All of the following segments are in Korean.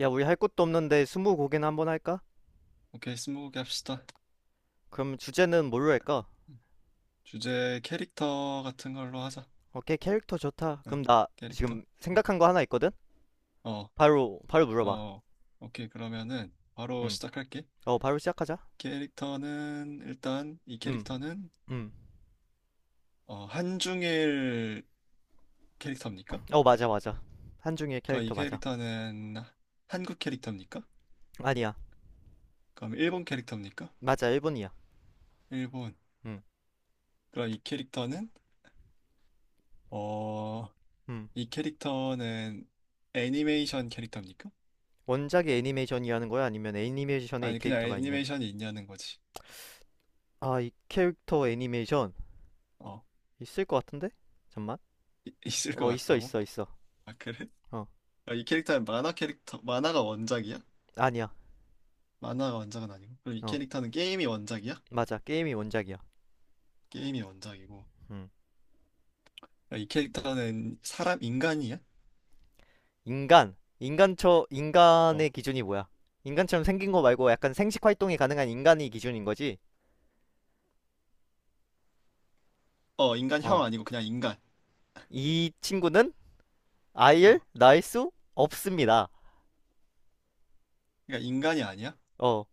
야, 우리 할 것도 없는데 스무고개나 한번 할까? 오케이, 스무고개 합시다. 그럼 주제는 뭘로 할까? 주제 캐릭터 같은 걸로 하자. 오케이, 캐릭터 좋다. 응, 그럼 나 캐릭터. 지금 응. 생각한 거 하나 있거든? 어, 바로 물어봐. 어, 오케이. 그러면은 바로 응. 시작할게. 어, 바로 시작하자. 캐릭터는 일단 이 응, 캐릭터는 응. 한중일 캐릭터입니까? 어, 맞아, 맞아. 한중의 그러니까 이 캐릭터 맞아. 캐릭터는 한국 캐릭터입니까? 아니야. 그럼 일본 캐릭터입니까? 맞아, 일본이야. 일본. 응, 그럼 이 캐릭터는 어, 응. 이 캐릭터는 애니메이션 캐릭터입니까? 원작이 애니메이션이라는 거야? 아니면 애니메이션에 이 아니 그냥 캐릭터가 있냐? 애니메이션이 있냐는 거지. 아, 이 캐릭터 애니메이션 어, 있을 것 같은데? 잠만. 있을 것 어, 있어, 같다고? 있어, 있어. 아, 그래? 어, 아, 이 캐릭터는 만화 캐릭터, 만화가 원작이야? 아니야. 만화가 원작은 아니고. 그럼 이 어, 캐릭터는 게임이 원작이야? 맞아. 게임이 원작이야. 게임이 원작이고. 응. 아, 이 캐릭터는 사람, 인간이야? 인간의 어. 기준이 뭐야? 인간처럼 생긴 거 말고 약간 생식 활동이 가능한 인간이 기준인 거지. 어, 인간형 어, 아니고 그냥 인간. 이 친구는 아이를 어. 낳을 수 없습니다. 그러니까 인간이 아니야? 어,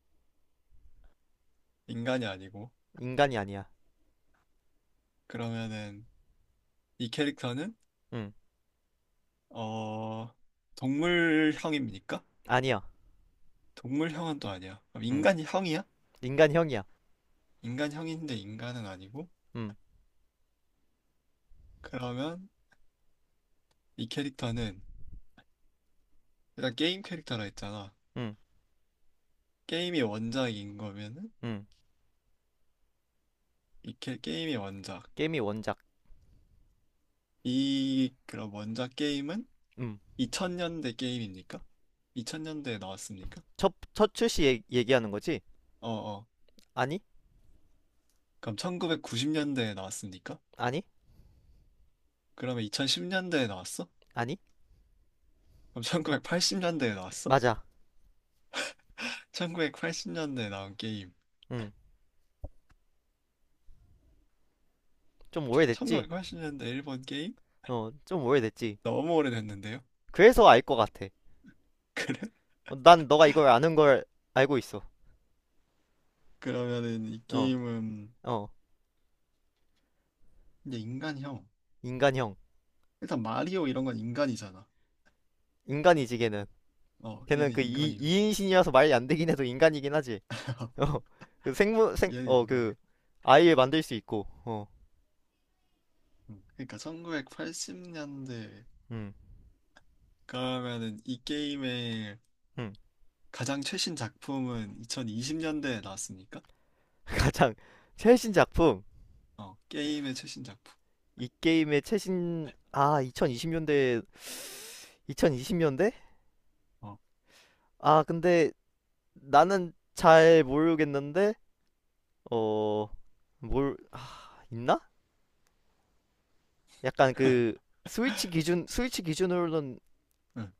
인간이 아니고. 인간이 아니야. 그러면은 이 캐릭터는, 음, 어, 동물형입니까? 아니야. 동물형은 또 아니야. 그럼 음, 인간형이야? 인간형이야. 인간형인데 인간은 아니고. 음, 그러면 이 캐릭터는 일단 게임 캐릭터라 했잖아. 음, 게임이 원작인 거면은 음. 이게 게임의 원작. 게임이 원작. 이 그럼 원작 게임은 음, 2000년대 게임입니까? 2000년대에 나왔습니까? 첫 출시 얘기하는 거지? 어어. 아니, 그럼 1990년대에 나왔습니까? 아니, 그러면 2010년대에 나왔어? 아니, 그럼 1980년대에 나왔어? 맞아. 1980년대에 나온 게임. 음, 좀 오래됐지? 1980년대 일본 게임? 어, 좀 오래됐지. 너무 오래됐는데요? 그래서 알 것 같아. 어, 난 너가 이걸 아는 걸 알고 있어. 그러면은 이 어, 게임은 어. 이제 인간형. 인간형. 일단 마리오 이런 건 인간이잖아. 인간이지, 걔는. 어, 걔는 얘는 그 인간이고, 이인신이라서 말이 안 되긴 해도 인간이긴 하지. 어, 그 생물, 생, 얘는 어, 그, 인간이고. 아이를 만들 수 있고, 어, 그러니까 1980년대 음, 그러면은 이 게임의 음. 가장 최신 작품은 2020년대에 나왔습니까? 가장 최신 작품. 어, 게임의 최신 작품. 이 게임의 최신, 2020년대, 2020년대? 어, 아, 근데 나는 잘 모르겠는데, 어, 아, 있나? 약간 스위치 기준으로는 응.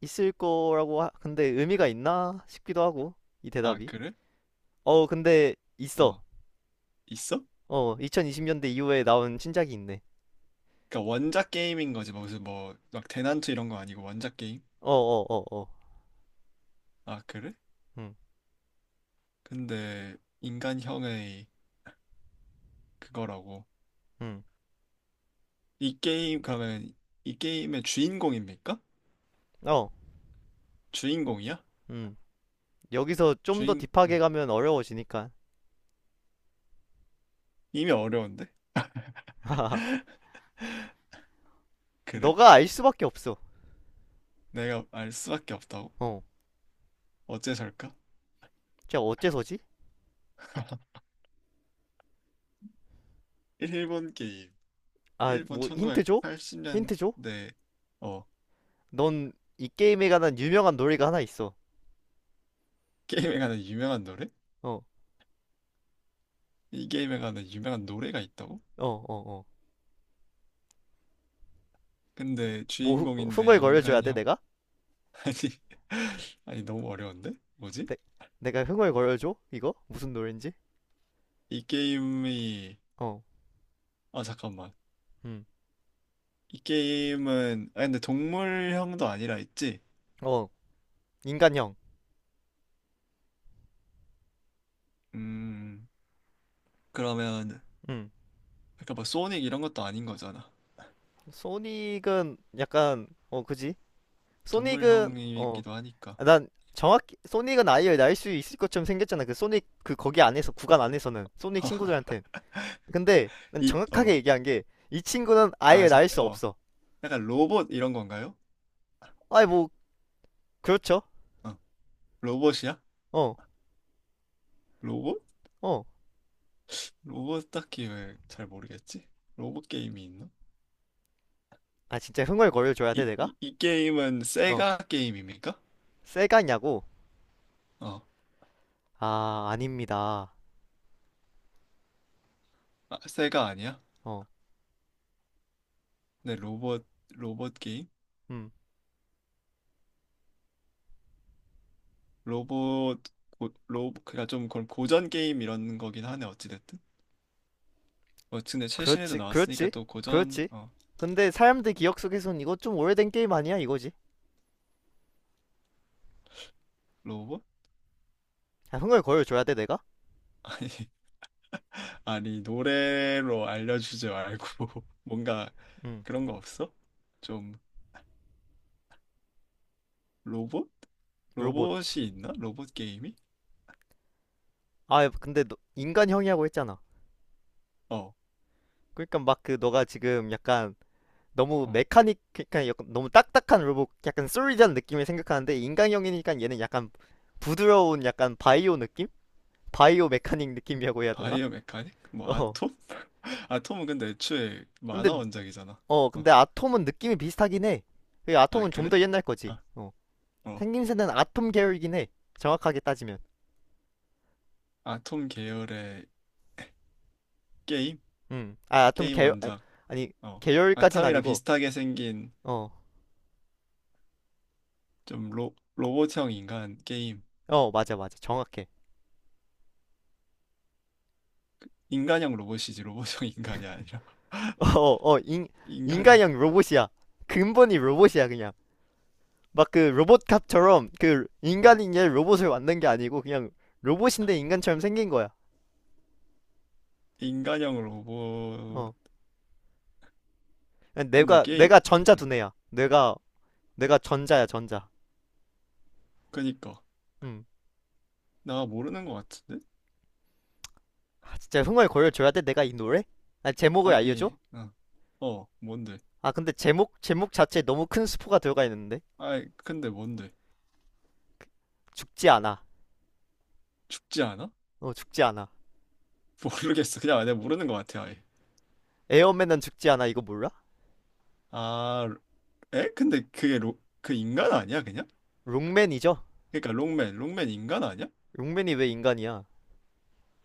있을 거라고 근데 의미가 있나 싶기도 하고 이 아, 대답이 그래? 어 근데 있어. 어, 있어? 어, 2020년대 이후에 나온 신작이 있네. 그러니까 원작 게임인 거지. 뭐 무슨 대난투 이런 거 아니고 원작 게임? 어, 어. 아, 그래? 근데 인간형의 그거라고. 어어음음어음 이 게임 그러면 이 게임의 주인공입니까? 주인공이야? 여기서 좀 더 주인 딥하게 가면 어려워지니까. 이미 어려운데? 그래? 너가 알 수밖에 없어. 내가 알 수밖에 없다고? 어, 어째서일까? 진짜 어째서지. 일본 게임. 아, 일본 뭐 힌트 줘, 힌트 1980년대 어 줘. 넌, 이 게임에 관한 유명한 놀이가 하나 있어. 게임에 관한 유명한 노래? 어 이 게임에 관한 유명한 노래가 있다고? 어 근데 뭐 주인공인데 흥얼거려 줘야 돼 인간형? 내가. 아니 아니 너무 어려운데? 뭐지? 내, 내가 흥얼거려 줘 이거 무슨 노래인지. 이 게임이 어. 아 잠깐만. 음, 이 게임은 아 근데 동물형도 아니라 있지? 어, 인간형. 음. 그러면 음, 그러니까 막 소닉 이런 것도 아닌 거잖아. 소닉은 약간 어, 그지? 소닉은 어, 동물형이기도 하니까. 난 정확히 소닉은 아이를 날 수 있을 것처럼 생겼잖아. 그 소닉 그 거기 안에서 구간 안에서는 소닉 친구들한테. 근데 난 이 정확하게 어 얘기한 게 이 친구는 아 아예 날 잠깐 수 어 없어. 약간 로봇 이런 건가요? 아이 뭐 그렇죠. 어 로봇이야? 어, 로봇? 어. 로봇 딱히 왜 잘 모르겠지? 로봇 게임이 있나? 아 진짜 흥얼거려 줘야 돼 이, 내가? 이, 이 게임은 어, 세가 게임입니까? 세가냐고? 어, 아 아닙니다. 아, 세가 아니야? 어, 네, 로봇, 로봇 게임? 음. 로봇, 고, 로봇, 그니까 좀 그런 고전 게임 이런 거긴 하네, 어찌됐든. 뭐, 근데 최신에도 그렇지, 나왔으니까 그렇지, 또 고전, 그렇지. 어, 근데 사람들 기억 속에선 이거 좀 오래된 게임 아니야 이거지? 로봇? 아, 흥을 거어줘야 돼 내가? 아니, 아니, 노래로 알려주지 말고, 뭔가 응. 그런 거 없어? 좀, 로봇? 로봇. 로봇이 있나? 로봇 게임이? 아 근데 너, 인간형이라고 했잖아. 어. 그러니까 막 그 너가 지금 약간 너무 어. 메카닉, 그러니까 약간 너무 딱딱한 로봇, 약간 솔리드한 느낌을 생각하는데 인간형이니까 얘는 약간 부드러운 약간 바이오 느낌? 바이오 메카닉 느낌이라고 해야 되나? 바이오 메카닉? 뭐 어. 아톰? 아톰은 근데 애초에 근데 만화 원작이잖아. 어 어. 근데 아톰은 느낌이 비슷하긴 해. 그 아, 아톰은 좀 그래? 더 옛날 거지. 아, 어. 어. 생김새는 아톰 계열이긴 해. 정확하게 따지면. 아톰 계열의 게임? 음. 아, 아톰 게임 계열 아니, 원작. 아니 어. 계열까진 아탐이랑 아니고. 비슷하게 생긴 어. 좀 로봇형 인간 게임. 어, 맞아 맞아. 정확해. 인간형 로봇이지 로봇형 인간이 아니라. 어, 어, 인 인간형. 인간형 로봇이야. 근본이 로봇이야, 그냥. 막 그 로봇캅처럼 그 어. 인간인 얘 로봇을 만든 게 아니고 그냥 로봇인데 인간처럼 생긴 거야. 인간형 로봇. 어. 그냥 근데 내가 게임? 내가 전자 음. 두뇌야. 내가 전자야, 전자. 그니까. 음. 나 모르는 것 같은데? 진짜 흥얼 거려줘야 돼, 내가 이 노래? 아, 제목을 알려줘? 아니, 어. 어, 뭔데? 아, 근데 제목 자체에 너무 큰 스포가 들어가 있는데. 아이, 근데 뭔데? 죽지 않아. 죽지 않아? 어, 죽지 않아. 모르겠어. 그냥 내가 모르는 것 같아, 아예. 에어맨은 죽지 않아. 이거 몰라? 아, 에? 근데 그게 그 인간 아니야, 그냥? 롱맨이죠? 그러니까 롱맨 인간 아니야? 롱맨이 왜 인간이야?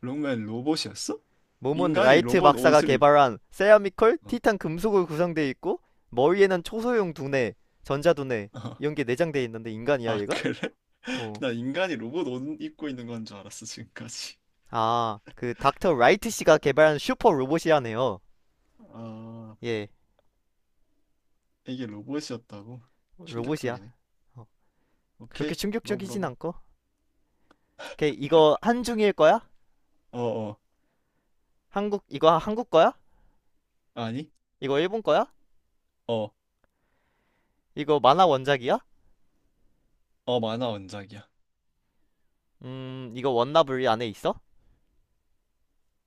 롱맨 로봇이었어? 몸은 인간이 라이트 로봇 박사가 옷을 입... 개발한 세라미컬 어. 티탄 금속으로 구성되어 있고 머리에는 초소형 두뇌, 전자 두뇌 어. 이런 게 내장되어 있는데 인간이야 아, 얘가? 그래? 어. 나 인간이 로봇 옷 입고 있는 건 줄 알았어, 지금까지. 아, 그 닥터 라이트 씨가 개발한 슈퍼 로봇이라네요. 아, 예. 이게 로봇이었다고? 로봇이야. 충격적이네. 어. 그렇게 오케이, 너 충격적이진 물어봐. 않고. 오케이, 이거 한중일 거야? 어어, 한국, 이거 한국 거야? 아니? 이거 일본 거야? 어, 이거 만화 원작이야? 어, 만화 원작이야. 이거 원나블 안에 있어?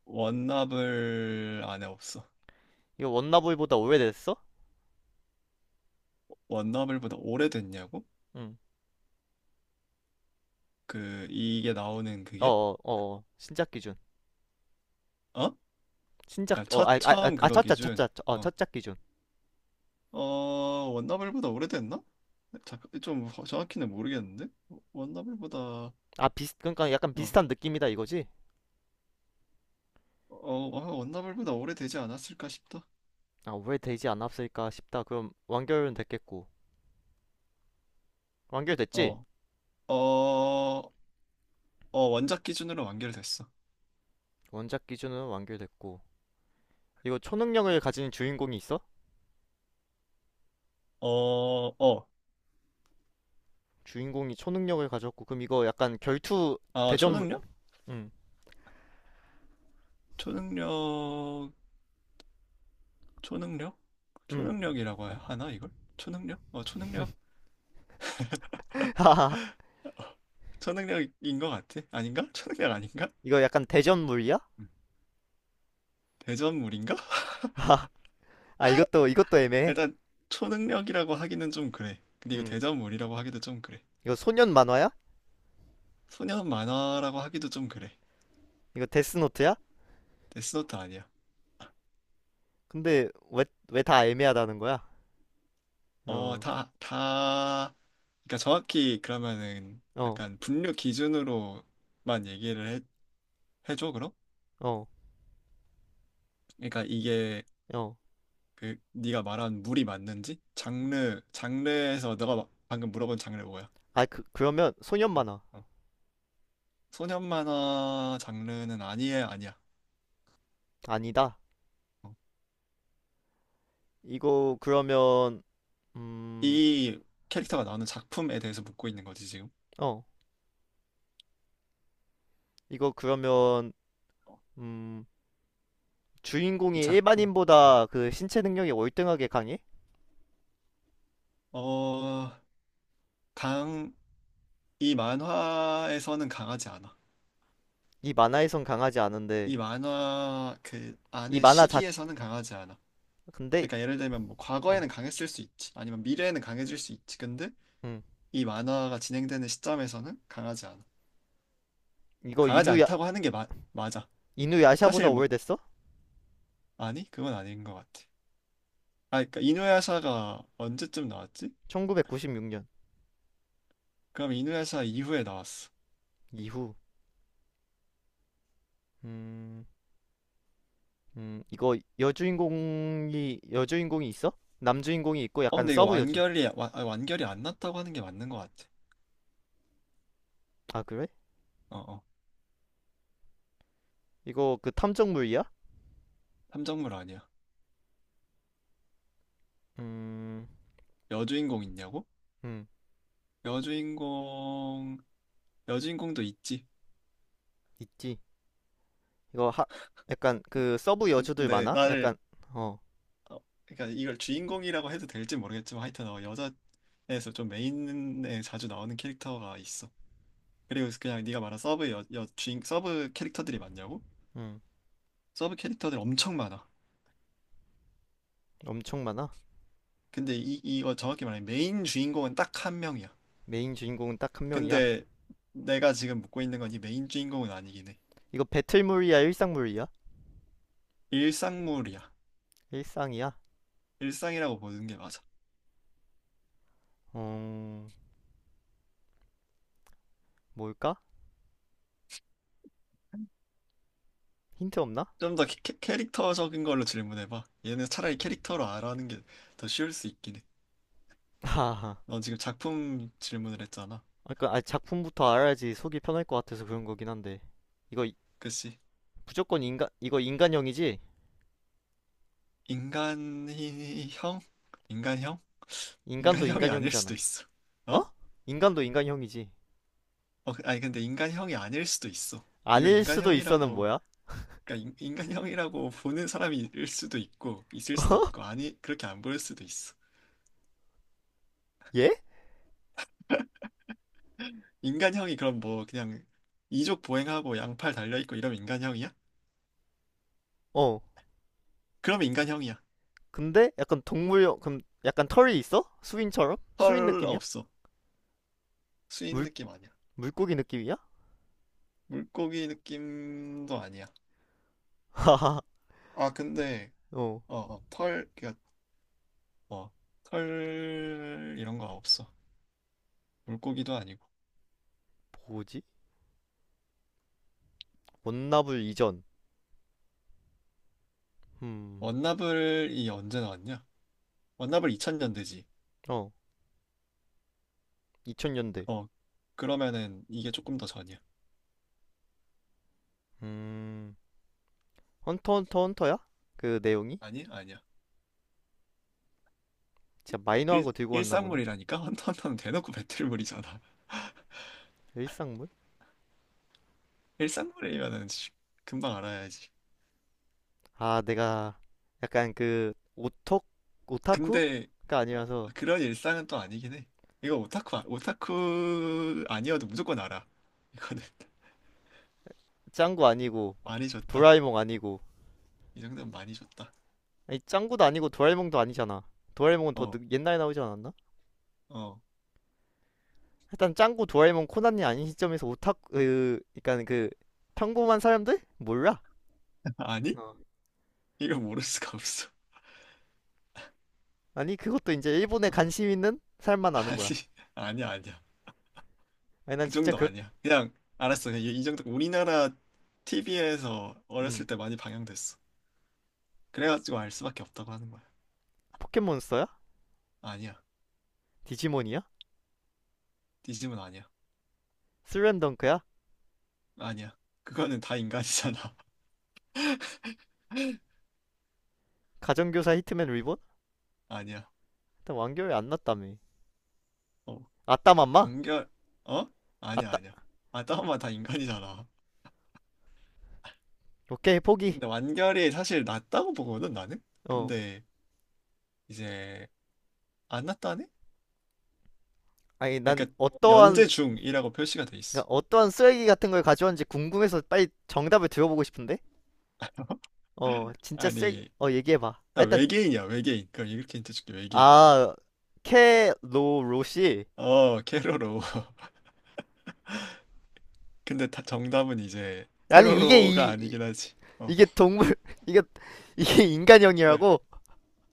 원나블 안에 없어. 이거 원나블보다 오래됐어? 원나블보다 오래됐냐고? 응. 그 이게 나오는 그게 신작 기준. 어? 신작, 그러니까 어, 첫 아, 아, 아, 처음 아, 그거 첫작, 기준 첫작, 어, 어, 첫작 기준. 어 원나블보다 오래됐나? 자, 정확히는 모르겠는데 원나블보다 그러니까 약간 어, 비슷한 느낌이다 이거지? 원나블보다 오래되지 않았을까 싶다. 아, 오래되지 않았을까 싶다. 그럼 완결은 됐겠고. 완결됐지? 어, 어, 어 원작 기준으로 완결됐어. 원작 기준은 완결됐고. 이거 초능력을 가진 주인공이 있어? 어, 어, 주인공이 초능력을 가졌고. 그럼 이거 약간 결투 아 대전물, 초능력? 응, 초능력, 초능력, 응. 초능력이라고 하나 이걸? 초능력? 어 초능력, 초능력인 것 같아. 아닌가? 초능력 아닌가? 이거 약간 대전물이야? 음. 대전물인가? 아, 이것도 애매해. 일단 초능력이라고 하기는 좀 그래. 근데 이거 응. 대자물이라고 하기도 좀 그래. 이거 소년 만화야? 소년 만화라고 하기도 좀 그래. 이거 데스노트야? 데스노트 아니야. 근데 왜 다 애매하다는 거야? 어, 어, 다, 다, 그러니까 정확히 그러면은 어, 약간 분류 기준으로만 얘기를 해, 해줘, 그럼? 어, 그러니까 이게 어. 그 네가 말한 물이 맞는지? 장르, 장르에서 너가 방금 물어본 장르 뭐야? 아, 그러면 소년 어, 만화 어. 소년 만화 장르는 아니에, 아니야. 아니다. 어. 이거 그러면, 음, 이 캐릭터가 나오는 작품에 대해서 묻고 있는 거지, 지금. 어, 이거 그러면, 음, 주인공이 이 작품. 일반인보다 그 신체 능력이 월등하게 강해? 어, 어, 강, 이 만화에서는 강하지 않아. 이 만화에선 강하지 않은데. 이 만화 그 이 안의 만화 자 시기에서는 강하지 않아. 근데 그러니까 예를 들면 뭐 어, 과거에는 강했을 수 있지. 아니면 미래에는 강해질 수 있지. 근데 음, 이 만화가 진행되는 시점에서는 강하지 않아. 이거 강하지 않다고 하는 게 마, 맞아. 이누야샤보다 사실 뭐 오래됐어? 아니? 그건 아닌 것 같아. 아, 그러니까 이누야샤가 언제쯤 나왔지? 1996년 그럼 이누야샤 이후에 나왔어. 이후. 음. 이거 여주인공이 있어? 남주인공이 있고 어, 약간 근데 이거 서브 여주. 아, 완결이 안 났다고 하는 게 맞는 것 같아. 아, 그래? 어, 어. 이거 그 탐정물이야? 탐정물 아니야. 음, 여주인공 있냐고? 음, 여주인공, 여주인공도 있지. 있지. 이거 하, 약간 그 서브 여주들 근데 많아? 나를, 약간 어, 어, 그러니까 이걸 주인공이라고 해도 될지 모르겠지만 하여튼 어, 여자에서 좀 메인에 자주 나오는 캐릭터가 있어. 그리고 그냥 네가 말한 서브 여, 여 주인, 서브 캐릭터들이 많냐고? 음, 서브 캐릭터들 엄청 많아. 엄청 많아. 근데 이거 정확히 말하면 메인 주인공은 딱 한 명이야. 메인 주인공은 딱 한 명이야. 근데 내가 지금 묻고 있는 건 이 메인 주인공은 아니긴 해. 이거 배틀물이야, 일상물이야? 일상물이야. 일상이야. 일상이라고 보는 게 맞아. 음, 뭘까? 힌트 없나? 좀 더 캐릭터적인 걸로 질문해봐. 얘는 차라리 캐릭터로 알아하는 게 더 쉬울 수 있긴 해. 하하. 넌 지금 작품 질문을 했잖아. 니까 아, 작품부터 알아야지 속이 편할 것 같아서 그런 거긴 한데. 이거 그치? 무조건 인간, 이거 인간형이지? 인간형? 인간형? 인간도 인간형이 아닐 수도 인간형이잖아. 있어. 어? 어? 인간도 인간형이지. 어, 아니 근데 인간형이 아닐 수도 있어. 이거 아닐 수도 있어는 인간형이라고, 뭐야? 어? 그러니까 인간형이라고 보는 사람이 일 수도 있고, 있을 수도 있고, 아니 그렇게 안 보일 수도 있어. 얘? 인간형이 그럼 뭐 그냥 이족 보행하고 양팔 달려 있고 이러면 인간형이야? 어. 그러면 인간형이야. 근데 약간 동물형, 그럼 약간 털이 있어? 수인처럼? 수인 헐 느낌이야? 없어. 수인 물, 느낌 아니야. 물고기 느낌이야? 물고기 느낌도 아니야. 하하. 아, 근데, 어. 어, 어, 털, 그, 어, 털, 이런 거 없어. 물고기도 아니고. 뭐지? 원나블 이전. 음. 원나블이 언제 나왔냐? 원나블 2000년대지. 어. 2000년대. 어, 그러면은 이게 조금 더 전이야. 음. 헌터 헌터 헌터야? 그 내용이? 아니, 아니야. 진짜 마이너한 거 들고 왔나 보네. 일상물이라니까? 헌터헌터는 대놓고 배틀물이잖아. 일상물? 일상물이면은 씨, 금방 알아야지. 아, 내가 약간 그 오톡 근데, 오타쿠가 어, 아니라서. 그런 일상은 또 아니긴 해. 이거 오타쿠 아니어도 무조건 알아. 이거는. 짱구 아니고, 많이 줬다. 도라에몽 어, 아니고. 이 정도면 많이 줬다. 아니, 짱구도 아니고 도라에몽도 아니잖아. 도라에몽은 더 어, 옛날에 나오지 않았나? 어. 일단 짱구, 도라에몽, 코난이 아닌 시점에서 오타쿠, 그러니까 평범한 사람들 몰라. 아니? 어. 이거 모를 수가 없어. 아니 그것도 이제 일본에 어. 관심 있는 사람만 아는 아니, 거야. 아니야, 아니야. 아니 난 그 진짜 정도 그렇 아니야. 그냥, 알았어. 그냥 이 정도. 우리나라 TV에서 음. 어렸을 때 많이 방영됐어. 그래가지고 알 수밖에 없다고 하는 거야. 포켓몬스터야? 아니야. 디지몬이야? 디즘은 아니야. 슬램덩크야? 아니야. 그거는 다 인간이잖아. 가정교사 히트맨 리본? 아니야. 일단 완결이 안 났다며. 어. 아따맘마? 완결, 어? 아니야, 아따 아니야. 아, 다운만 다 인간이잖아. 오케이 포기. 근데 완결이 사실 낫다고 보거든, 나는? 어. 근데, 이제, 안 낫다네? 아니 난 그러니까 연재 어떠한, 중이라고 표시가 돼 있어. 그러니까 어떠한 쓰레기 같은 걸 가져왔는지 궁금해서 빨리 정답을 들어보고 싶은데? 어, 진짜 쓰레기, 아니, 어, 얘기해봐. 아, 나 일단, 외계인이야, 외계인. 그럼 이렇게 힌트 줄게, 외계인. 아, 캐로로시. 어, 캐로로. 근데 다 정답은 이제 아니, 이게, 캐로로가 이, 아니긴 하지. 어, 이게 동물, 이게, 어, 이게 네. 인간형이라고?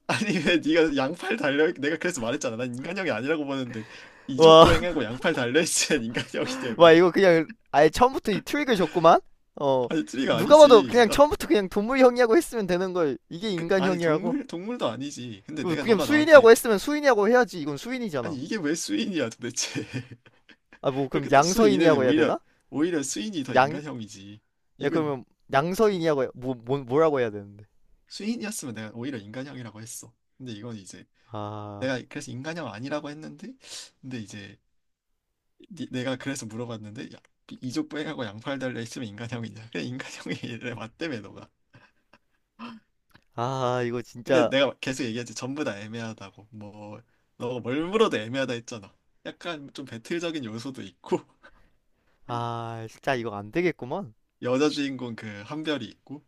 아니, 왜 네가 양팔 달려? 내가 그래서 말했잖아. 난 인간형이 아니라고 보는데 이족 와, 보행하고 양팔 달려있지면 인간형이냐며. 와, 이거 그냥, 아예 처음부터 이 트릭을 줬구만? 어, 아니, 트리가 누가 봐도 아니지. 그냥 나, 처음부터 그냥 동물형이라고 했으면 되는 걸, 이게 그, 아니, 인간형이라고? 동물도 아니지. 근데 이거 내가 그냥 너가 수인이라고 나한테 했으면 수인이라고 해야지. 이건 수인이잖아. 아니, 이게 왜 수인이야, 도대체. 아, 뭐, 그럼 그렇게 또 수인은 양서인이라고 해야 오히려 되나? 오히려 수인이 더 양, 인간형이지. 예, 이건 그러면 양서인이라고 뭐, 뭐라고 해야 되는데. 수인이었으면 내가 오히려 인간형이라고 했어. 근데 이건 이제 아, 내가 그래서 인간형 아니라고 했는데 근데 이제 내가 그래서 물어봤는데 야, 이족 보행하고 양팔 달려 있으면 인간형이냐? 그래 인간형이래. 맞다며 너가. 아 이거 근데 진짜, 내가 계속 얘기했지 전부 다 애매하다고. 뭐 너가 뭘 물어도 애매하다 했잖아. 약간 좀 배틀적인 요소도 있고 아 진짜 이거 안 되겠구먼. 여자 주인공 그 한별이 있고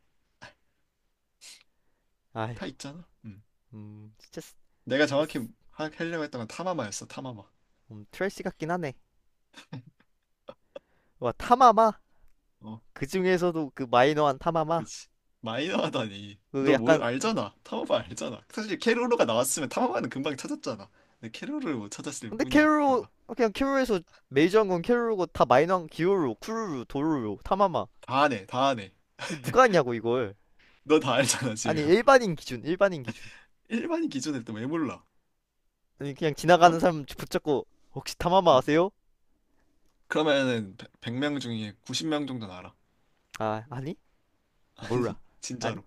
다 아이고, 있잖아. 음. 음 진짜 쓰- 내가 진짜 정확히 쓰- 하려고 했던 건 타마마였어, 타마마. 음, 트래시 같긴 하네. 와 타마마. 어, 그 중에서도 그 마이너한 타마마. 그치. 마이너하다니. 그 너 뭘 약간, 알잖아. 타마바 알잖아. 사실 캐로로가 나왔으면 타마바는 금방 찾았잖아. 근데 캐로로를 못 찾았을 근데 뿐이야, 캐롤 너가. 그냥 캐롤에서 메이저한 건 캐롤이고 다 마이너한 기요루, 쿠루루, 도루루, 타마마. 다 아네, 다 아네. 이거 누가 하냐고 이걸. 너 다 알잖아, 지금. 아니 일반인 기준, 일반인 기준. 일반인 기준에 또 왜 몰라? 아니 그냥 어? 지나가는 음. 사람 붙잡고 혹시 타마마 아세요? 그러면은 100명 중에 90명 정도는 알아. 아, 아니, 아니, 몰라. 아니, 진짜로.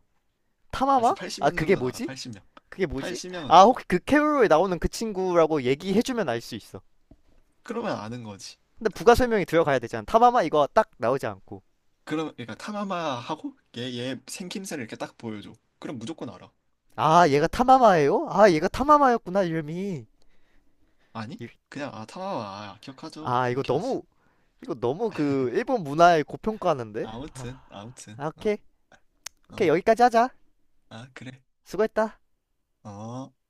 알았어, 타마마? 아 80명 그게 정도는 알아, 뭐지? 80명. 그게 뭐지? 80명은 아 알아. 혹시 그 캐롤에 나오는 그 친구라고 얘기해주면 알 수 있어. 그러면 아는 거지. 근데 부가 설명이 들어가야 되잖아. 타마마 이거 딱 나오지 않고. 그럼, 그러니까 타마마하고 얘, 얘 생김새를 이렇게 딱 보여줘. 그럼 무조건 알아. 아 얘가 타마마예요? 아 얘가 타마마였구나 이름이. 아니? 그냥 아 타마와 아, 기억하죠 아 이거 이렇게 하지. 너무, 그 일본 문화에 고평가하는데. 아 아무튼 아무튼 아, 어, 오케이, 어. 여기까지 하자. 아 그래 수고했다. 어